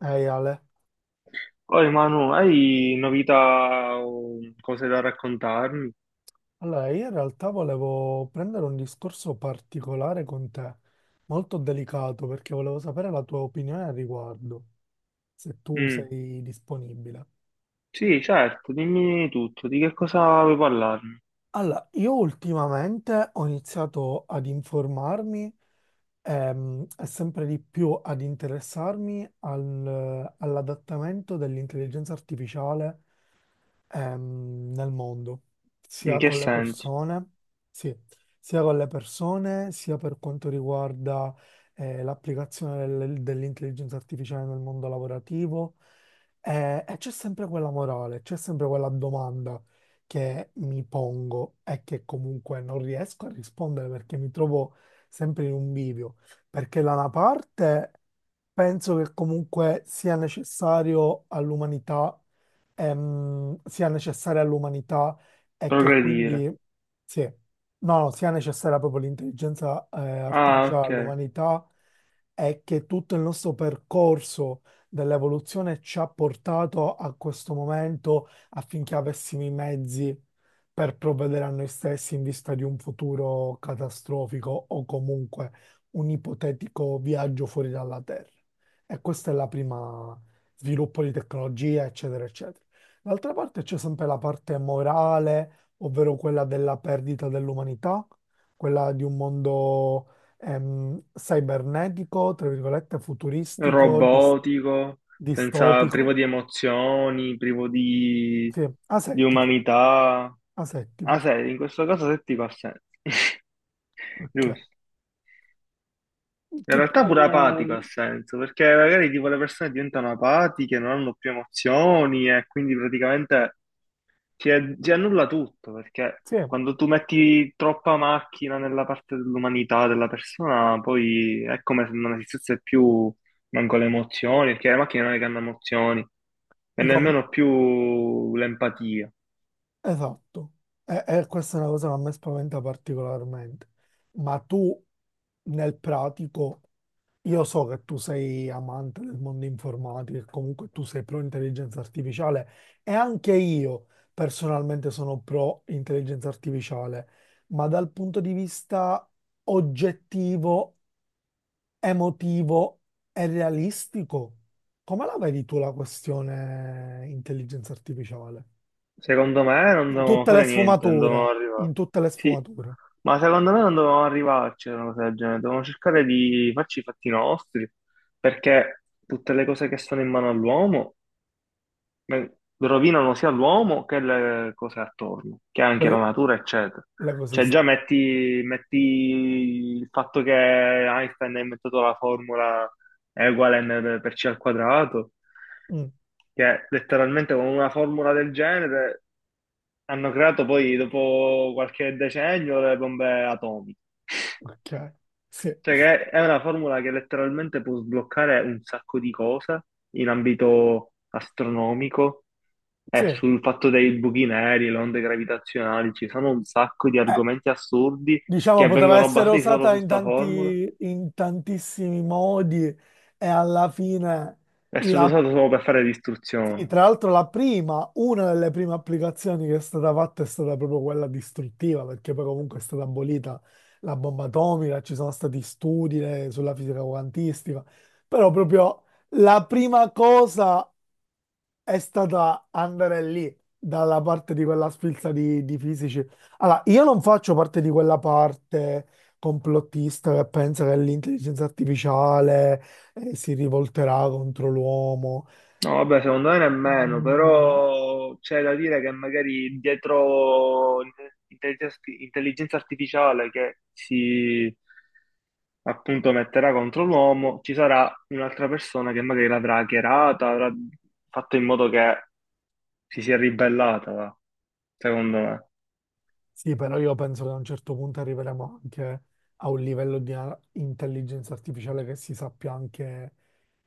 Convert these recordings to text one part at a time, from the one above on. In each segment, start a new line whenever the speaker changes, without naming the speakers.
Ehi Ale,
Poi Manu, hai novità o cose da raccontarmi?
allora io in realtà volevo prendere un discorso particolare con te, molto delicato, perché volevo sapere la tua opinione al riguardo, se tu
Mm,
sei disponibile.
sì, certo, dimmi tutto, di che cosa vuoi parlarmi?
Allora, io ultimamente ho iniziato ad informarmi, e sempre di più ad interessarmi all'adattamento dell'intelligenza artificiale, nel mondo, sia
In che
con le
senso?
persone, sì, sia con le persone, sia per quanto riguarda, l'applicazione dell'intelligenza artificiale nel mondo lavorativo. E c'è sempre quella morale, c'è sempre quella domanda che mi pongo è che comunque non riesco a rispondere perché mi trovo sempre in un bivio, perché da una parte penso che comunque sia necessario all'umanità, sia necessaria all'umanità e che
Progredire.
quindi sì, no, no, sia necessaria proprio l'intelligenza,
Ah,
artificiale
ok.
all'umanità e che tutto il nostro percorso dell'evoluzione ci ha portato a questo momento affinché avessimo i mezzi per provvedere a noi stessi in vista di un futuro catastrofico o comunque un ipotetico viaggio fuori dalla Terra. E questa è la prima sviluppo di tecnologia, eccetera, eccetera. D'altra parte c'è sempre la parte morale, ovvero quella della perdita dell'umanità, quella di un mondo cibernetico, tra virgolette, futuristico,
Robotico, senza,
distopico,
privo di emozioni, privo
sì,
di
asettico,
umanità. Ah,
asettico.
sei, in questo caso settico ha senso.
Ok.
Giusto. In
Che tu...
realtà pure apatico ha senso, perché magari tipo le persone diventano apatiche, non hanno più emozioni e quindi praticamente ti, ti annulla tutto, perché
Sì,
quando tu metti troppa macchina nella parte dell'umanità della persona, poi è come se non esistesse più manco le emozioni, perché le macchine non è che hanno emozioni, e
dico,
nemmeno più l'empatia.
esatto. E questa è una cosa che a me spaventa particolarmente. Ma tu, nel pratico, io so che tu sei amante del mondo informatico e comunque tu sei pro intelligenza artificiale e anche io personalmente sono pro intelligenza artificiale, ma dal punto di vista oggettivo, emotivo e realistico. Come la vedi tu la questione intelligenza artificiale?
Secondo me non
In
dovevamo
tutte le
fare niente, non dovevamo
sfumature,
arrivare.
in tutte le
Sì,
sfumature,
ma secondo me non dovevamo arrivarci a una cosa del genere, dovevamo cercare di farci i fatti nostri, perché tutte le cose che sono in mano all'uomo, ma rovinano sia l'uomo che le cose attorno, che
che
anche la
l-
natura, eccetera. Cioè, già
l'ecosistema.
metti il fatto che Einstein ha inventato la formula E uguale mc per c al quadrato,
Mm,
che letteralmente con una formula del genere hanno creato poi, dopo qualche decennio, le bombe atomiche.
ok, sì,
Cioè, che è una formula che letteralmente può sbloccare un sacco di cose in ambito astronomico.
sì.
Sul fatto dei buchi neri, le onde gravitazionali, ci sono un sacco di argomenti assurdi
Diciamo
che
poteva
vengono
essere
basati solo
usata
su
in
sta formula
tanti, in tantissimi modi e alla fine
e sono
la
usati solo per fare
Sì,
distruzione.
tra l'altro la prima, una delle prime applicazioni che è stata fatta è stata proprio quella distruttiva, perché poi comunque è stata abolita la bomba atomica, ci sono stati studi sulla fisica quantistica, però proprio la prima cosa è stata andare lì, dalla parte di quella sfilza di fisici. Allora, io non faccio parte di quella parte complottista che pensa che l'intelligenza artificiale si rivolterà contro l'uomo.
No, vabbè, secondo me nemmeno,
Mm,
però c'è da dire che magari dietro l'intelligenza intelligenza artificiale che si appunto metterà contro l'uomo, ci sarà un'altra persona che magari l'avrà hackerata, avrà fatto in modo che si sia ribellata, va, secondo me.
sì, però io penso che a un certo punto arriveremo anche a un livello di intelligenza artificiale che si sappia anche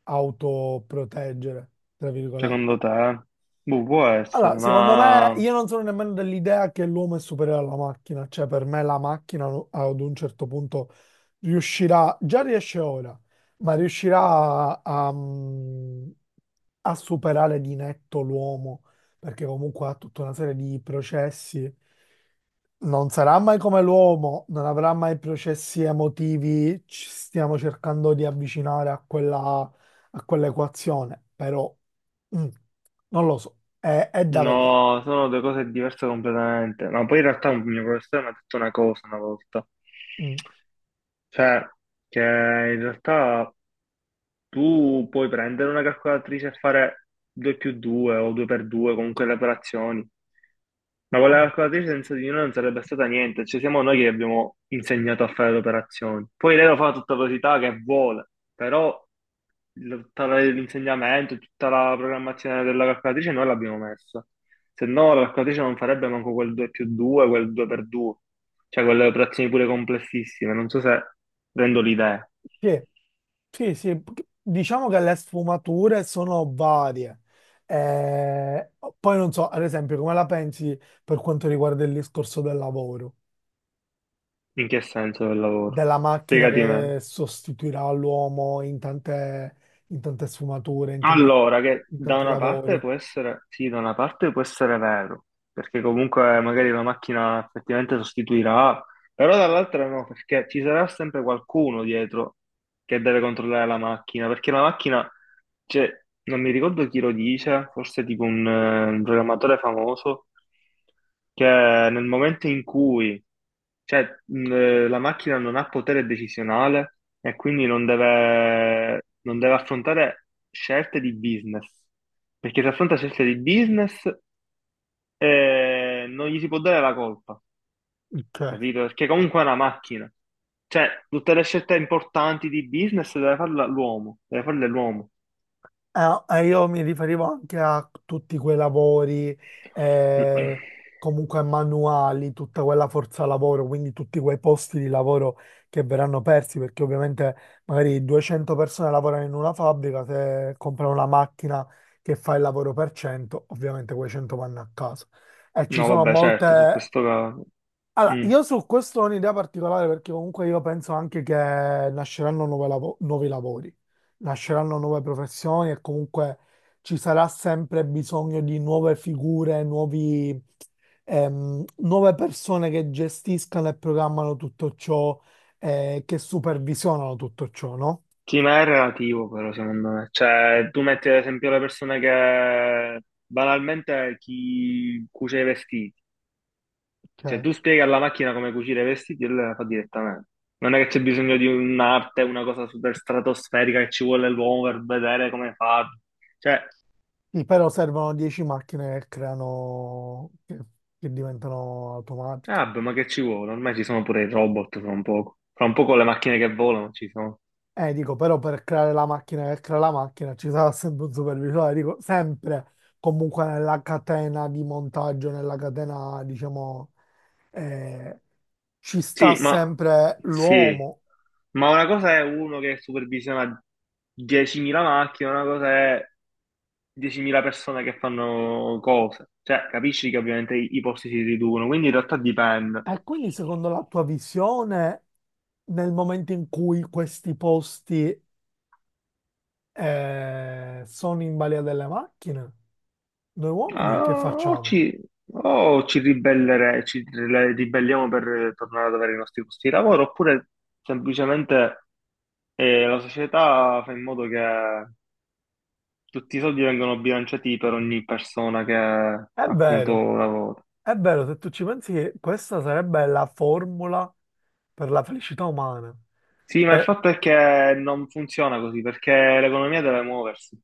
autoproteggere, tra virgolette.
Secondo te? Boh, può essere,
Allora, secondo me,
ma
io non sono nemmeno dell'idea che l'uomo è superiore alla macchina, cioè per me la macchina ad un certo punto riuscirà, già riesce ora, ma riuscirà a, a- a superare di netto l'uomo, perché comunque ha tutta una serie di processi, non sarà mai come l'uomo, non avrà mai processi emotivi, ci stiamo cercando di avvicinare a quella, a quell'equazione, però... Mm, Non lo so, è da vedere.
no, sono due cose diverse completamente. Ma poi in realtà un mio professore mi ha detto una cosa una volta,
Mm,
cioè che in realtà tu puoi prendere una calcolatrice e fare 2 più 2 o 2 per 2, comunque le operazioni, ma con la
mm.
calcolatrice senza di noi non sarebbe stata niente, cioè siamo noi che abbiamo insegnato a fare le operazioni. Poi lei lo fa a tutta velocità che vuole, però l'insegnamento, tutta la programmazione della calcolatrice noi l'abbiamo messa. Se no, la calcolatrice non farebbe manco quel 2 più 2, quel 2 per 2, cioè quelle operazioni pure complessissime. Non so se rendo l'idea.
Sì, sì, sì, diciamo che le sfumature sono varie. Eh, Poi non so, ad esempio, come la pensi per quanto riguarda il discorso del lavoro,
In che senso del lavoro.
della macchina
Spiegati
che
meglio.
sostituirà l'uomo in tante sfumature,
Allora, che
in
da
tanti
una parte
lavori.
può essere, sì, da una parte può essere vero, perché comunque magari la macchina effettivamente sostituirà, però dall'altra no, perché ci sarà sempre qualcuno dietro che deve controllare la macchina, perché la macchina, cioè, non mi ricordo chi lo dice, forse tipo un programmatore famoso, che nel momento in cui, cioè, la macchina non ha potere decisionale e quindi non deve, non deve affrontare scelte di business, perché se affronta scelte di business, non gli si può dare la colpa,
Ok.
capito? Perché comunque è una macchina. Cioè, tutte le scelte importanti di business deve farle l'uomo, deve farle l'uomo.
Ah, io mi riferivo anche a tutti quei lavori, eh, comunque manuali, tutta quella forza lavoro, quindi tutti quei posti di lavoro che verranno persi, perché ovviamente magari 200 persone lavorano in una fabbrica, se comprano una macchina che fa il lavoro per 100, ovviamente quei 100 vanno a casa. E ci
No,
sono
vabbè, certo, su
molte
questo caso.
allora,
Mm.
io su questo ho un'idea particolare, perché comunque io penso anche che nasceranno nuove nuovi lavori, nasceranno nuove professioni e comunque ci sarà sempre bisogno di nuove figure, nuove persone che gestiscano e programmano tutto ciò, che supervisionano tutto ciò, no?
Sì, ma è relativo però, secondo me. Cioè, tu metti ad esempio le persone che banalmente chi cuce i vestiti. Cioè,
Ok.
tu spieghi alla macchina come cucire i vestiti e lei la fa direttamente. Non è che c'è bisogno di un'arte, una cosa super stratosferica che ci vuole l'uomo per vedere come farlo. Cioè,
Sì, però servono 10 macchine che creano, che diventano
ah,
automatiche.
beh, ma che ci vuole? Ormai ci sono pure i robot fra un poco. Fra un poco le macchine che volano ci sono.
Dico, però per creare la macchina, ci sarà sempre un supervisore. Allora, dico, sempre comunque nella catena di montaggio, nella catena, diciamo, eh, ci sta
Sì, ma
sempre
sì,
l'uomo.
ma una cosa è uno che supervisiona 10.000 macchine, una cosa è 10.000 persone che fanno cose. Cioè, capisci che ovviamente i posti si riducono, quindi in realtà dipende.
E quindi secondo la tua visione, nel momento in cui questi posti, sono in balia delle macchine, noi uomini
Ah,
che
o
facciamo?
ci, o ci ribelliamo per tornare ad avere i nostri posti di lavoro, oppure semplicemente la società fa in modo che tutti i soldi vengano bilanciati per ogni persona che
È
appunto
vero.
lavora.
È vero, se tu ci pensi, che questa sarebbe la formula per la felicità umana.
Sì, ma il
Eh,
fatto è che non funziona così, perché l'economia deve muoversi.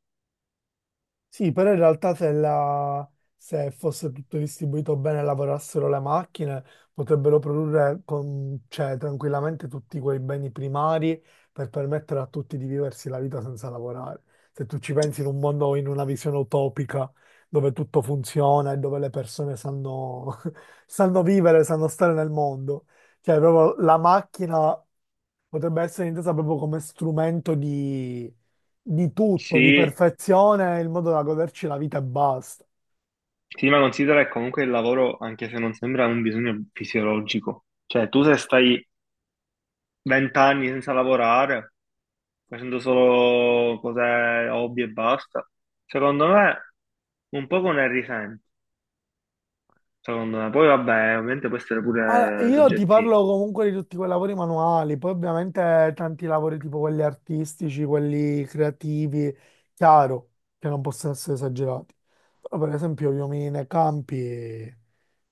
sì, però in realtà se fosse tutto distribuito bene e lavorassero le macchine, potrebbero produrre cioè, tranquillamente tutti quei beni primari per permettere a tutti di viversi la vita senza lavorare. Se tu ci pensi, in un mondo, in una visione utopica, dove tutto funziona e dove le persone sanno sanno vivere, sanno stare nel mondo. Cioè, proprio la macchina potrebbe essere intesa proprio come strumento di tutto, di
Sì,
perfezione, il modo da goderci la vita e basta.
sì, ma considera che comunque il lavoro, anche se non sembra, è un bisogno fisiologico. Cioè, tu se stai vent'anni senza lavorare, facendo solo cose hobby e basta, secondo me un poco ne risenti, secondo me. Poi vabbè, ovviamente può essere
Allora,
pure
io ti
soggettivo.
parlo comunque di tutti quei lavori manuali, poi ovviamente tanti lavori tipo quelli artistici, quelli creativi, chiaro, che non possono essere esagerati. Però per esempio io mi nei campi,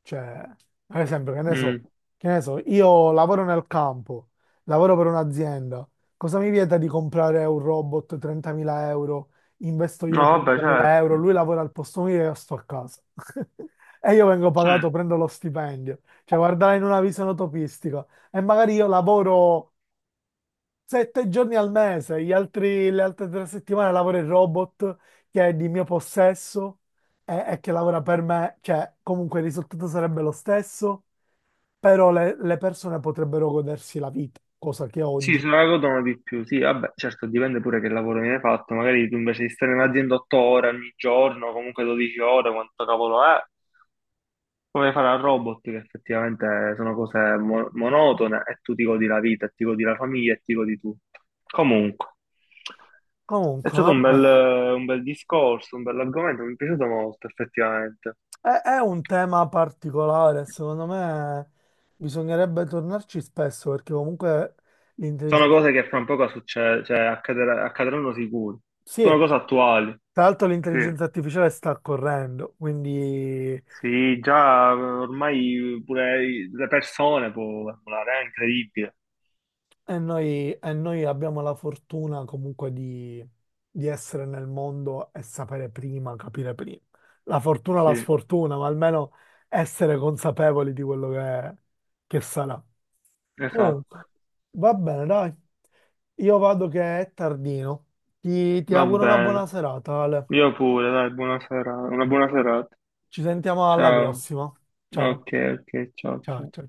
cioè, per esempio, che ne so,
Mm.
io lavoro nel campo, lavoro per un'azienda, cosa mi vieta di comprare un robot 30.000 euro, investo
No,
io i
vabbè,
30.000 euro,
certo.
lui lavora al posto mio e io sto a casa. E io vengo pagato,
Certo.
prendo lo stipendio, cioè, guardare in una visione utopistica. E magari io lavoro 7 giorni al mese, le altre 3 settimane lavoro il robot, che è di mio possesso e che lavora per me, cioè comunque il risultato sarebbe lo stesso, però le persone potrebbero godersi la vita, cosa che
Sì,
oggi.
se ne la godono di più, sì, vabbè, certo, dipende pure che lavoro viene fatto, magari tu invece di stare in azienda 8 ore ogni giorno, comunque 12 ore, quanto cavolo è, come fare a robot, che effettivamente sono cose monotone e tu ti godi la vita, e ti godi la famiglia e ti godi tutto. Comunque, è
Comunque,
stato
vabbè,
un bel discorso, un bell'argomento, mi è piaciuto molto, effettivamente.
è un tema particolare, secondo me bisognerebbe tornarci spesso perché comunque
Sono
l'intelligenza...
cose che fra un poco accadranno sicuro,
Sì,
sono cose attuali,
tra l'altro
sì.
l'intelligenza artificiale sta correndo, quindi
Sì, già ormai pure le persone può emulare, è incredibile.
e noi abbiamo la fortuna comunque di essere nel mondo e sapere prima, capire prima. La fortuna, la
Sì,
sfortuna, ma almeno essere consapevoli di quello che sarà. Comunque,
esatto.
va bene, dai. Io vado che è tardino. Ti
Va
auguro una buona
bene.
serata, Ale.
Io pure, dai, buona sera, una buona serata.
Ci sentiamo alla
Ciao.
prossima. Ciao,
Ok, ok, ciao,
ciao,
ciao.
ciao.